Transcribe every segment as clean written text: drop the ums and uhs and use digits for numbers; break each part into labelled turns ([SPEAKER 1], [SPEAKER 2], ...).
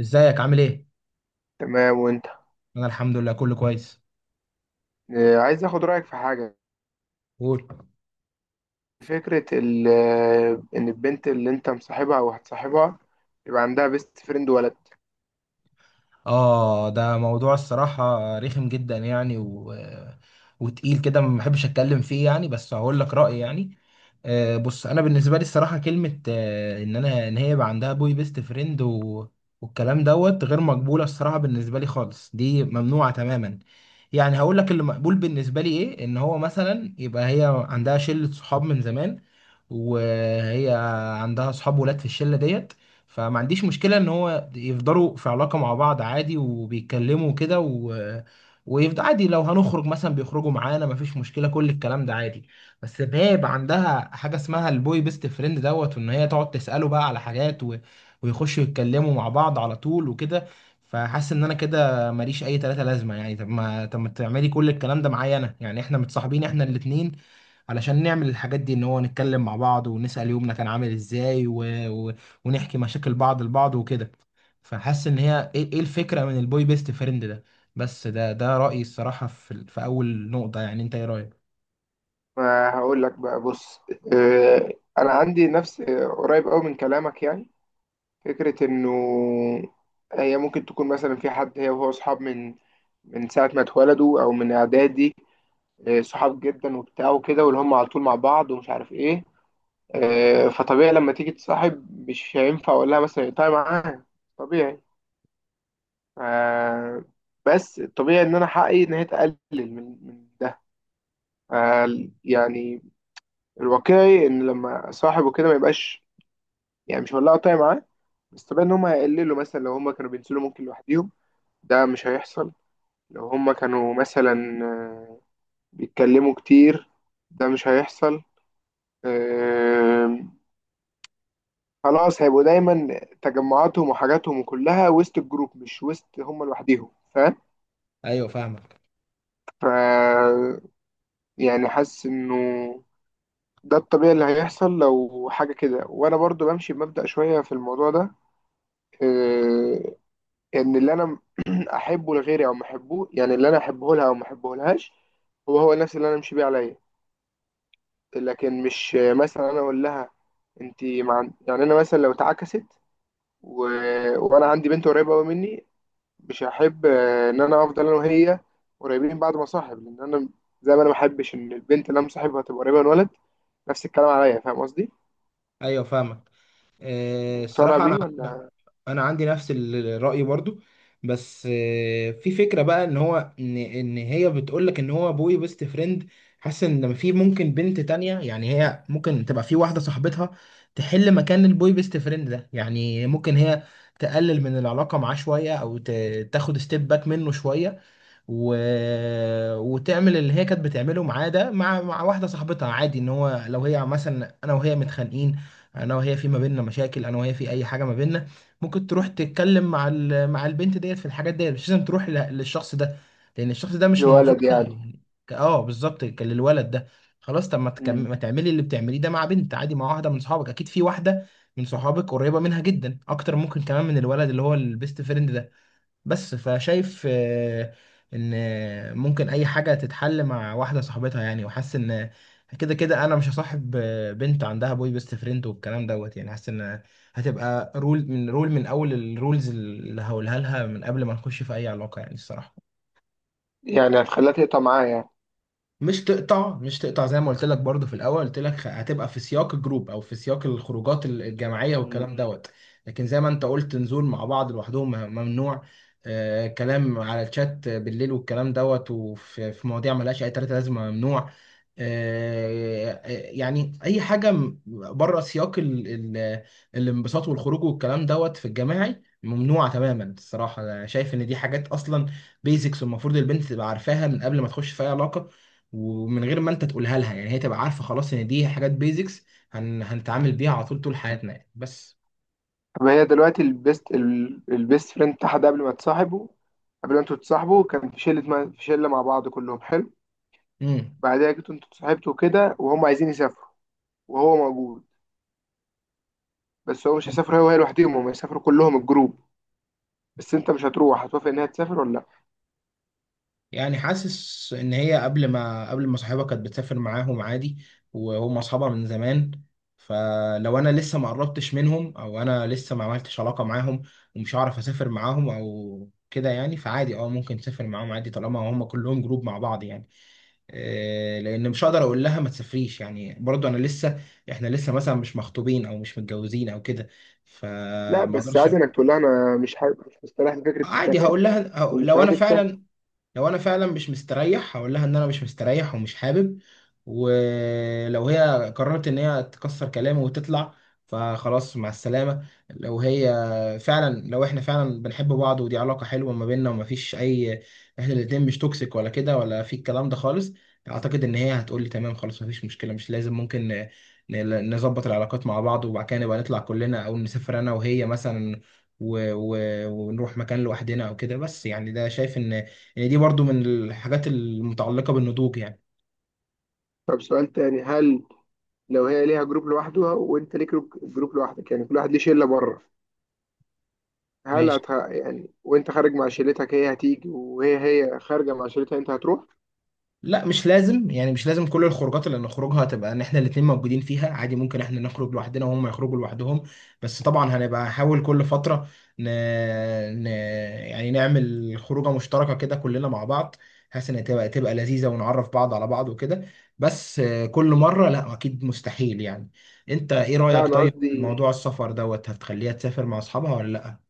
[SPEAKER 1] ازيك عامل ايه؟
[SPEAKER 2] تمام وانت.
[SPEAKER 1] انا الحمد لله كله كويس.
[SPEAKER 2] عايز اخد رأيك في حاجة.
[SPEAKER 1] قول.
[SPEAKER 2] فكرة ان البنت اللي انت مصاحبها او هتصاحبها يبقى عندها بيست فريند ولد.
[SPEAKER 1] اه، ده موضوع الصراحة رخم جدا يعني و... وتقيل كده، ما بحبش اتكلم فيه يعني، بس هقول لك رأيي يعني. بص، انا بالنسبة لي الصراحة كلمة ان ان هي يبقى عندها بوي بيست فريند و... والكلام دوت غير مقبولة الصراحة، بالنسبة لي خالص دي ممنوعة تماما. يعني هقول لك اللي مقبول بالنسبة لي ايه، ان هو مثلا يبقى هي عندها شلة صحاب من زمان وهي عندها صحاب ولاد في الشلة ديت. فما عنديش مشكلة ان هو يفضلوا في علاقة مع بعض عادي، وبيتكلموا كده و... ويفضل عادي، لو هنخرج مثلا بيخرجوا معانا مفيش مشكلة، كل الكلام ده عادي. بس ان هي يبقى عندها حاجة اسمها البوي بيست فريند دوت، وان هي تقعد تسأله بقى على حاجات و... ويخشوا يتكلموا مع بعض على طول وكده. فحاسس ان انا كده ماليش اي تلاتة لازمة يعني، طب ما تعملي كل الكلام ده معايا انا يعني؟ احنا متصاحبين احنا الاتنين علشان نعمل الحاجات دي، ان هو نتكلم مع بعض ونسأل يومنا كان عامل ازاي و... ونحكي مشاكل بعض لبعض وكده. فحاسس ان هي، إيه الفكرة من البوي بيست فريند ده؟ بس ده رأيي الصراحة في في اول نقطة يعني. انت ايه رأيك؟
[SPEAKER 2] فهقول لك بقى بص. انا عندي نفس قريب قوي من كلامك يعني. فكرة انه هي ممكن تكون مثلا في حد، هي وهو اصحاب من ساعة ما اتولدوا او من اعدادي. صحاب جدا وبتاع وكده، واللي هم على طول مع بعض ومش عارف ايه. فطبيعي لما تيجي تصاحب مش هينفع اقول لها مثلا اقطعي معاها. طبيعي. آه بس الطبيعي ان انا حقي ان هي تقلل من ده. آه يعني الواقعي ان لما صاحبه كده ما يبقاش، يعني مش هولعه طاية معاه. بس طبيعي ان هم هيقللوا. مثلا لو هم كانوا بينزلوا ممكن لوحديهم، ده مش هيحصل. لو هم كانوا مثلا بيتكلموا كتير، ده مش هيحصل. آه خلاص هيبقوا دايما تجمعاتهم وحاجاتهم كلها وسط الجروب، مش وسط هم لوحديهم. فاهم؟
[SPEAKER 1] ايوه، فاهمك.
[SPEAKER 2] ف يعني حاسس انه ده الطبيعي اللي هيحصل لو حاجة كده. وأنا برضو بمشي بمبدأ شوية في الموضوع ده. آه، إن اللي أنا أحبه لغيري أو ما أحبه، يعني اللي أنا أحبه لها أو ما أحبه لهاش، هو نفس اللي أنا أمشي بيه عليا. لكن مش، مثلا أنا أقول لها أنت مع، يعني أنا مثلا لو اتعكست و... وأنا عندي بنت قريبة أوي مني، مش هحب إن أنا أفضل أنا وهي قريبين بعد ما أصاحب. لأن أنا زي ما أنا ما أحبش إن البنت اللي أنا مصاحبها تبقى قريبة من ولد، نفس الكلام عليا. فاهم قصدي؟
[SPEAKER 1] ايوه، فاهمك. إيه
[SPEAKER 2] مقتنع
[SPEAKER 1] الصراحة
[SPEAKER 2] بيه
[SPEAKER 1] انا
[SPEAKER 2] ولا؟
[SPEAKER 1] انا عندي نفس الرأي برضو. بس في فكرة بقى ان هو ان هي بتقول لك ان هو بوي بيست فريند. حاسس ان لما في ممكن بنت تانية يعني، هي ممكن تبقى في واحدة صاحبتها تحل مكان البوي بيست فريند ده. يعني ممكن هي تقلل من العلاقة معاه شوية او تاخد ستيب باك منه شوية و... وتعمل اللي هي كانت بتعمله معاه ده مع واحده صاحبتها عادي. ان هو لو هي مثلا، انا وهي متخانقين، انا وهي في ما بيننا مشاكل، انا وهي في اي حاجه ما بيننا، ممكن تروح تتكلم مع مع البنت ديت في الحاجات ديت، مش لازم تروح للشخص ده، لان الشخص ده مش موثوق
[SPEAKER 2] لولد يعني.
[SPEAKER 1] فيه يعني. اه، بالظبط، كان للولد ده. خلاص، طب
[SPEAKER 2] مم،
[SPEAKER 1] ما تعملي اللي بتعمليه ده مع بنت عادي، مع واحده من صحابك، اكيد في واحده من صحابك قريبه منها جدا، اكتر ممكن كمان من الولد اللي هو البيست فريند ده. بس فشايف ان ممكن اي حاجه تتحل مع واحده صاحبتها يعني، وحاسس ان كده كده انا مش هصاحب بنت عندها بوي بيست فريند والكلام دوت يعني. حاسس ان هتبقى رول من رول من اول الرولز اللي هقولها لها من قبل ما نخش في اي علاقه يعني الصراحه.
[SPEAKER 2] يعني هتخليها تقطع معاه يعني؟
[SPEAKER 1] مش تقطع، مش تقطع زي ما قلت لك برضو في الاول، قلت لك، هتبقى في سياق الجروب، او في سياق الخروجات الجماعيه
[SPEAKER 2] مم.
[SPEAKER 1] والكلام دوت. لكن زي ما انت قلت، نزول مع بعض لوحدهم ممنوع. آه، كلام على الشات بالليل والكلام دوت، وفي مواضيع ملهاش اي تلاته لازمه ممنوع. آه، يعني اي حاجه بره سياق ال ال الانبساط والخروج والكلام دوت في الجماعي، ممنوعه تماما الصراحه. انا شايف ان دي حاجات اصلا بيزكس المفروض البنت تبقى عارفاها من قبل ما تخش في اي علاقه، ومن غير ما انت تقولها لها يعني، هي تبقى عارفه خلاص ان دي حاجات بيزكس هنتعامل بيها على طول طول حياتنا يعني. بس.
[SPEAKER 2] طب هي دلوقتي البيست فريند بتاعها ده، قبل ما تصاحبوا، قبل ما انتوا تتصاحبوا، كان في شلة، ما في شلة مع بعض كلهم حلو.
[SPEAKER 1] امم
[SPEAKER 2] بعدها جيتوا انتوا اتصاحبتوا كده، وهم عايزين يسافروا، وهو موجود. بس هو مش هيسافر هو وهي لوحدهم، هم هيسافروا كلهم الجروب. بس انت مش هتروح، هتوافق انها تسافر ولا لا؟
[SPEAKER 1] يعني حاسس ان هي، قبل ما صاحبها كانت بتسافر معاهم عادي، وهم اصحابها من زمان. فلو انا لسه ما قربتش منهم، او انا لسه ما عملتش علاقه معاهم، ومش هعرف اسافر معاهم او كده يعني، فعادي اه، ممكن تسافر معاهم عادي طالما هم كلهم جروب مع بعض يعني. لان مش هقدر اقول لها ما تسافريش يعني، برضو انا لسه احنا لسه مثلا مش مخطوبين او مش متجوزين او كده،
[SPEAKER 2] لا
[SPEAKER 1] فما
[SPEAKER 2] بس
[SPEAKER 1] اقدرش.
[SPEAKER 2] عادي انك تقول لها انا مش حابب، مش مستريح لفكرة
[SPEAKER 1] عادي
[SPEAKER 2] السفر
[SPEAKER 1] هقول لها،
[SPEAKER 2] ومش عايزك تسافر.
[SPEAKER 1] لو انا فعلا مش مستريح، هقول لها ان انا مش مستريح ومش حابب. ولو هي قررت ان هي تكسر كلامي وتطلع، فخلاص مع السلامة. لو احنا فعلا بنحب بعض، ودي علاقة حلوة ما بيننا ومفيش اي، احنا الاتنين مش توكسيك ولا كده ولا في الكلام ده خالص، اعتقد ان هي هتقول لي تمام خلاص مفيش مشكلة، مش لازم، ممكن نظبط العلاقات مع بعض، وبعد كده نبقى نطلع كلنا، او نسافر انا وهي مثلا و... و... ونروح مكان لوحدنا او كده. بس يعني ده، شايف ان، يعني دي برضو من الحاجات المتعلقة بالنضوج يعني.
[SPEAKER 2] طب سؤال تاني. هل لو هي ليها جروب لوحدها وانت ليك جروب لوحدك، يعني كل واحد ليه شلة بره، هل
[SPEAKER 1] ماشي.
[SPEAKER 2] يعني وانت خارج مع شلتك هي هتيجي، وهي خارجة مع شلتها انت هتروح؟
[SPEAKER 1] لا، مش لازم يعني، مش لازم كل الخروجات اللي نخرجها تبقى ان احنا الاتنين موجودين فيها، عادي ممكن احنا نخرج لوحدنا وهم يخرجوا لوحدهم. بس طبعا هنبقى نحاول كل فترة ن... ن... يعني نعمل خروجة مشتركة كده كلنا مع بعض، بحيث ان تبقى لذيذة ونعرف بعض على بعض وكده. بس كل مرة لا، اكيد مستحيل يعني. انت ايه
[SPEAKER 2] لا
[SPEAKER 1] رأيك
[SPEAKER 2] انا
[SPEAKER 1] طيب في
[SPEAKER 2] قصدي،
[SPEAKER 1] موضوع السفر دوت؟ هتخليها تسافر مع اصحابها ولا لا؟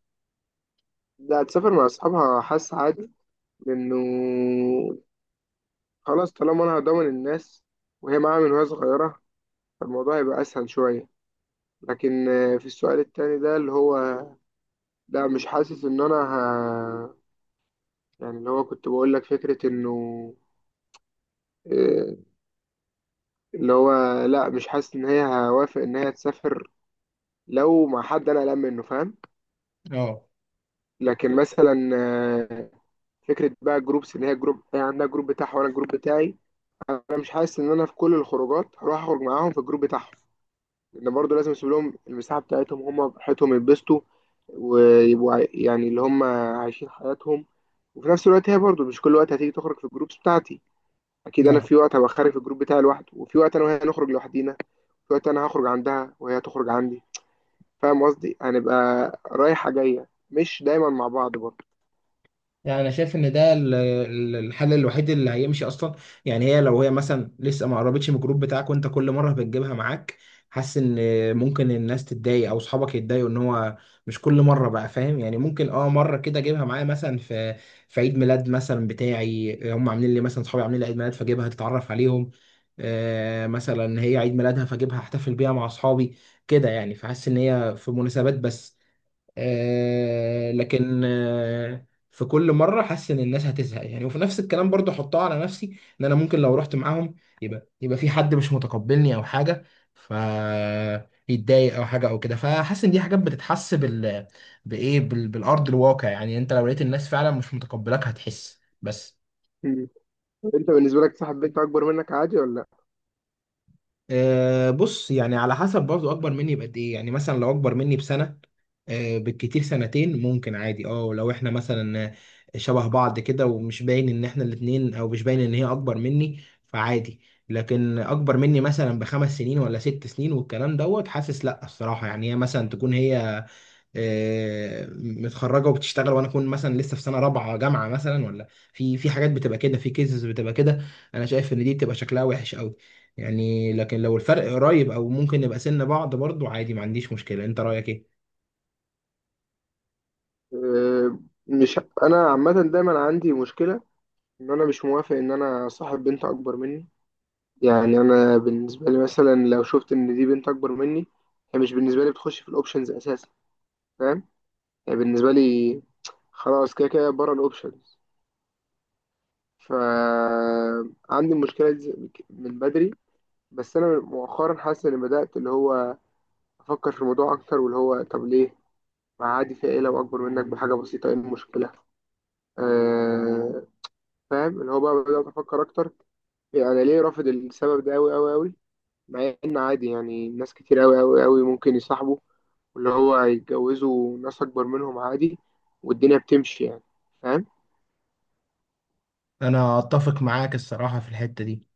[SPEAKER 2] لا هتسافر مع اصحابها، حاسس عادي. لانه خلاص طالما انا هضمن الناس، وهي معاها من وهي صغيرة، فالموضوع هيبقى اسهل شوية. لكن في السؤال التاني ده اللي هو، لا مش حاسس ان انا يعني اللي هو كنت بقول لك، فكرة انه آه، اللي هو لا، مش حاسس ان هي هوافق ان هي تسافر لو مع حد انا قلقان منه. فاهم؟
[SPEAKER 1] اه،
[SPEAKER 2] لكن مثلا فكره بقى جروبس، ان هي جروب، هي عندها جروب بتاعها وانا الجروب بتاعي. انا مش حاسس ان انا في كل الخروجات هروح اخرج معاهم في الجروب بتاعهم، لان برضه لازم اسيب لهم المساحه بتاعتهم هم براحتهم يتبسطوا ويبقوا يعني اللي هم عايشين حياتهم. وفي نفس الوقت هي برضه مش كل وقت هتيجي تخرج في الجروبس بتاعتي. اكيد انا في وقت هبقى خارج في الجروب بتاعي لوحده، وفي وقت انا وهي نخرج لوحدينا، في وقت انا هخرج عندها وهي تخرج عندي. فاهم قصدي؟ هنبقى رايحه جايه، مش دايما مع بعض برضه.
[SPEAKER 1] يعني انا شايف ان ده الحل الوحيد اللي هيمشي اصلا يعني. لو هي مثلا لسه ما قربتش من الجروب بتاعك، وانت كل مره بتجيبها معاك، حاسس ان ممكن الناس تتضايق او اصحابك يتضايقوا، ان هو مش كل مره بقى فاهم يعني. ممكن اه، مره كده اجيبها معايا مثلا في عيد ميلاد مثلا بتاعي، هم عاملين لي مثلا، اصحابي عاملين لي عيد ميلاد فاجيبها تتعرف عليهم. آه مثلا هي عيد ميلادها، فاجيبها احتفل بيها مع اصحابي كده يعني. فحاسس ان هي في مناسبات بس. لكن في كل مره حاسس ان الناس هتزهق يعني. وفي نفس الكلام برضو احطها على نفسي، ان انا ممكن لو رحت معاهم، يبقى في حد مش متقبلني او حاجه، فيتضايق او حاجه او كده. فحاسس ان دي حاجات بتتحس بال، بايه، بالارض الواقع يعني، انت لو لقيت الناس فعلا مش متقبلاك هتحس. بس.
[SPEAKER 2] مم. انت بالنسبه لك صاحب بنت اكبر منك عادي ولا لا؟
[SPEAKER 1] أه بص، يعني على حسب برضه اكبر مني بقد ايه يعني. مثلا لو اكبر مني بسنه، أه بالكتير سنتين، ممكن عادي. اه لو احنا مثلا شبه بعض كده ومش باين ان احنا الاتنين، او مش باين ان هي اكبر مني، فعادي. لكن اكبر مني مثلا ب5 سنين ولا 6 سنين والكلام دوت، حاسس لا الصراحه. يعني هي مثلا تكون هي متخرجه وبتشتغل، وانا اكون مثلا لسه في سنه رابعه جامعه مثلا، ولا في حاجات بتبقى كده، في كيسز بتبقى كده. انا شايف ان دي بتبقى شكلها وحش قوي يعني. لكن لو الفرق قريب او ممكن نبقى سن بعض، برضو عادي ما عنديش مشكله. انت رايك ايه؟
[SPEAKER 2] آه، مش انا عامه دايما عندي مشكله ان انا مش موافق ان انا صاحب بنت اكبر مني. يعني انا بالنسبه لي مثلا لو شفت ان دي بنت اكبر مني، هي مش بالنسبه لي بتخش في الاوبشنز اساسا. فاهم؟ يعني بالنسبه لي خلاص كده كده بره الاوبشنز. فعندي المشكله دي من بدري. بس انا مؤخرا حاسس اني بدات اللي هو افكر في الموضوع اكتر، واللي هو طب ليه ما عادي، في ايه لو اكبر منك بحاجه بسيطه، ايه المشكله؟ أه، فاهم اللي هو بقى بدات افكر اكتر، يعني انا ليه رافض السبب ده قوي قوي قوي، مع ان عادي. يعني ناس كتير قوي قوي قوي ممكن يصاحبوا واللي هو يتجوزوا ناس اكبر منهم عادي والدنيا بتمشي يعني. فاهم؟
[SPEAKER 1] انا اتفق معاك الصراحه في الحته دي.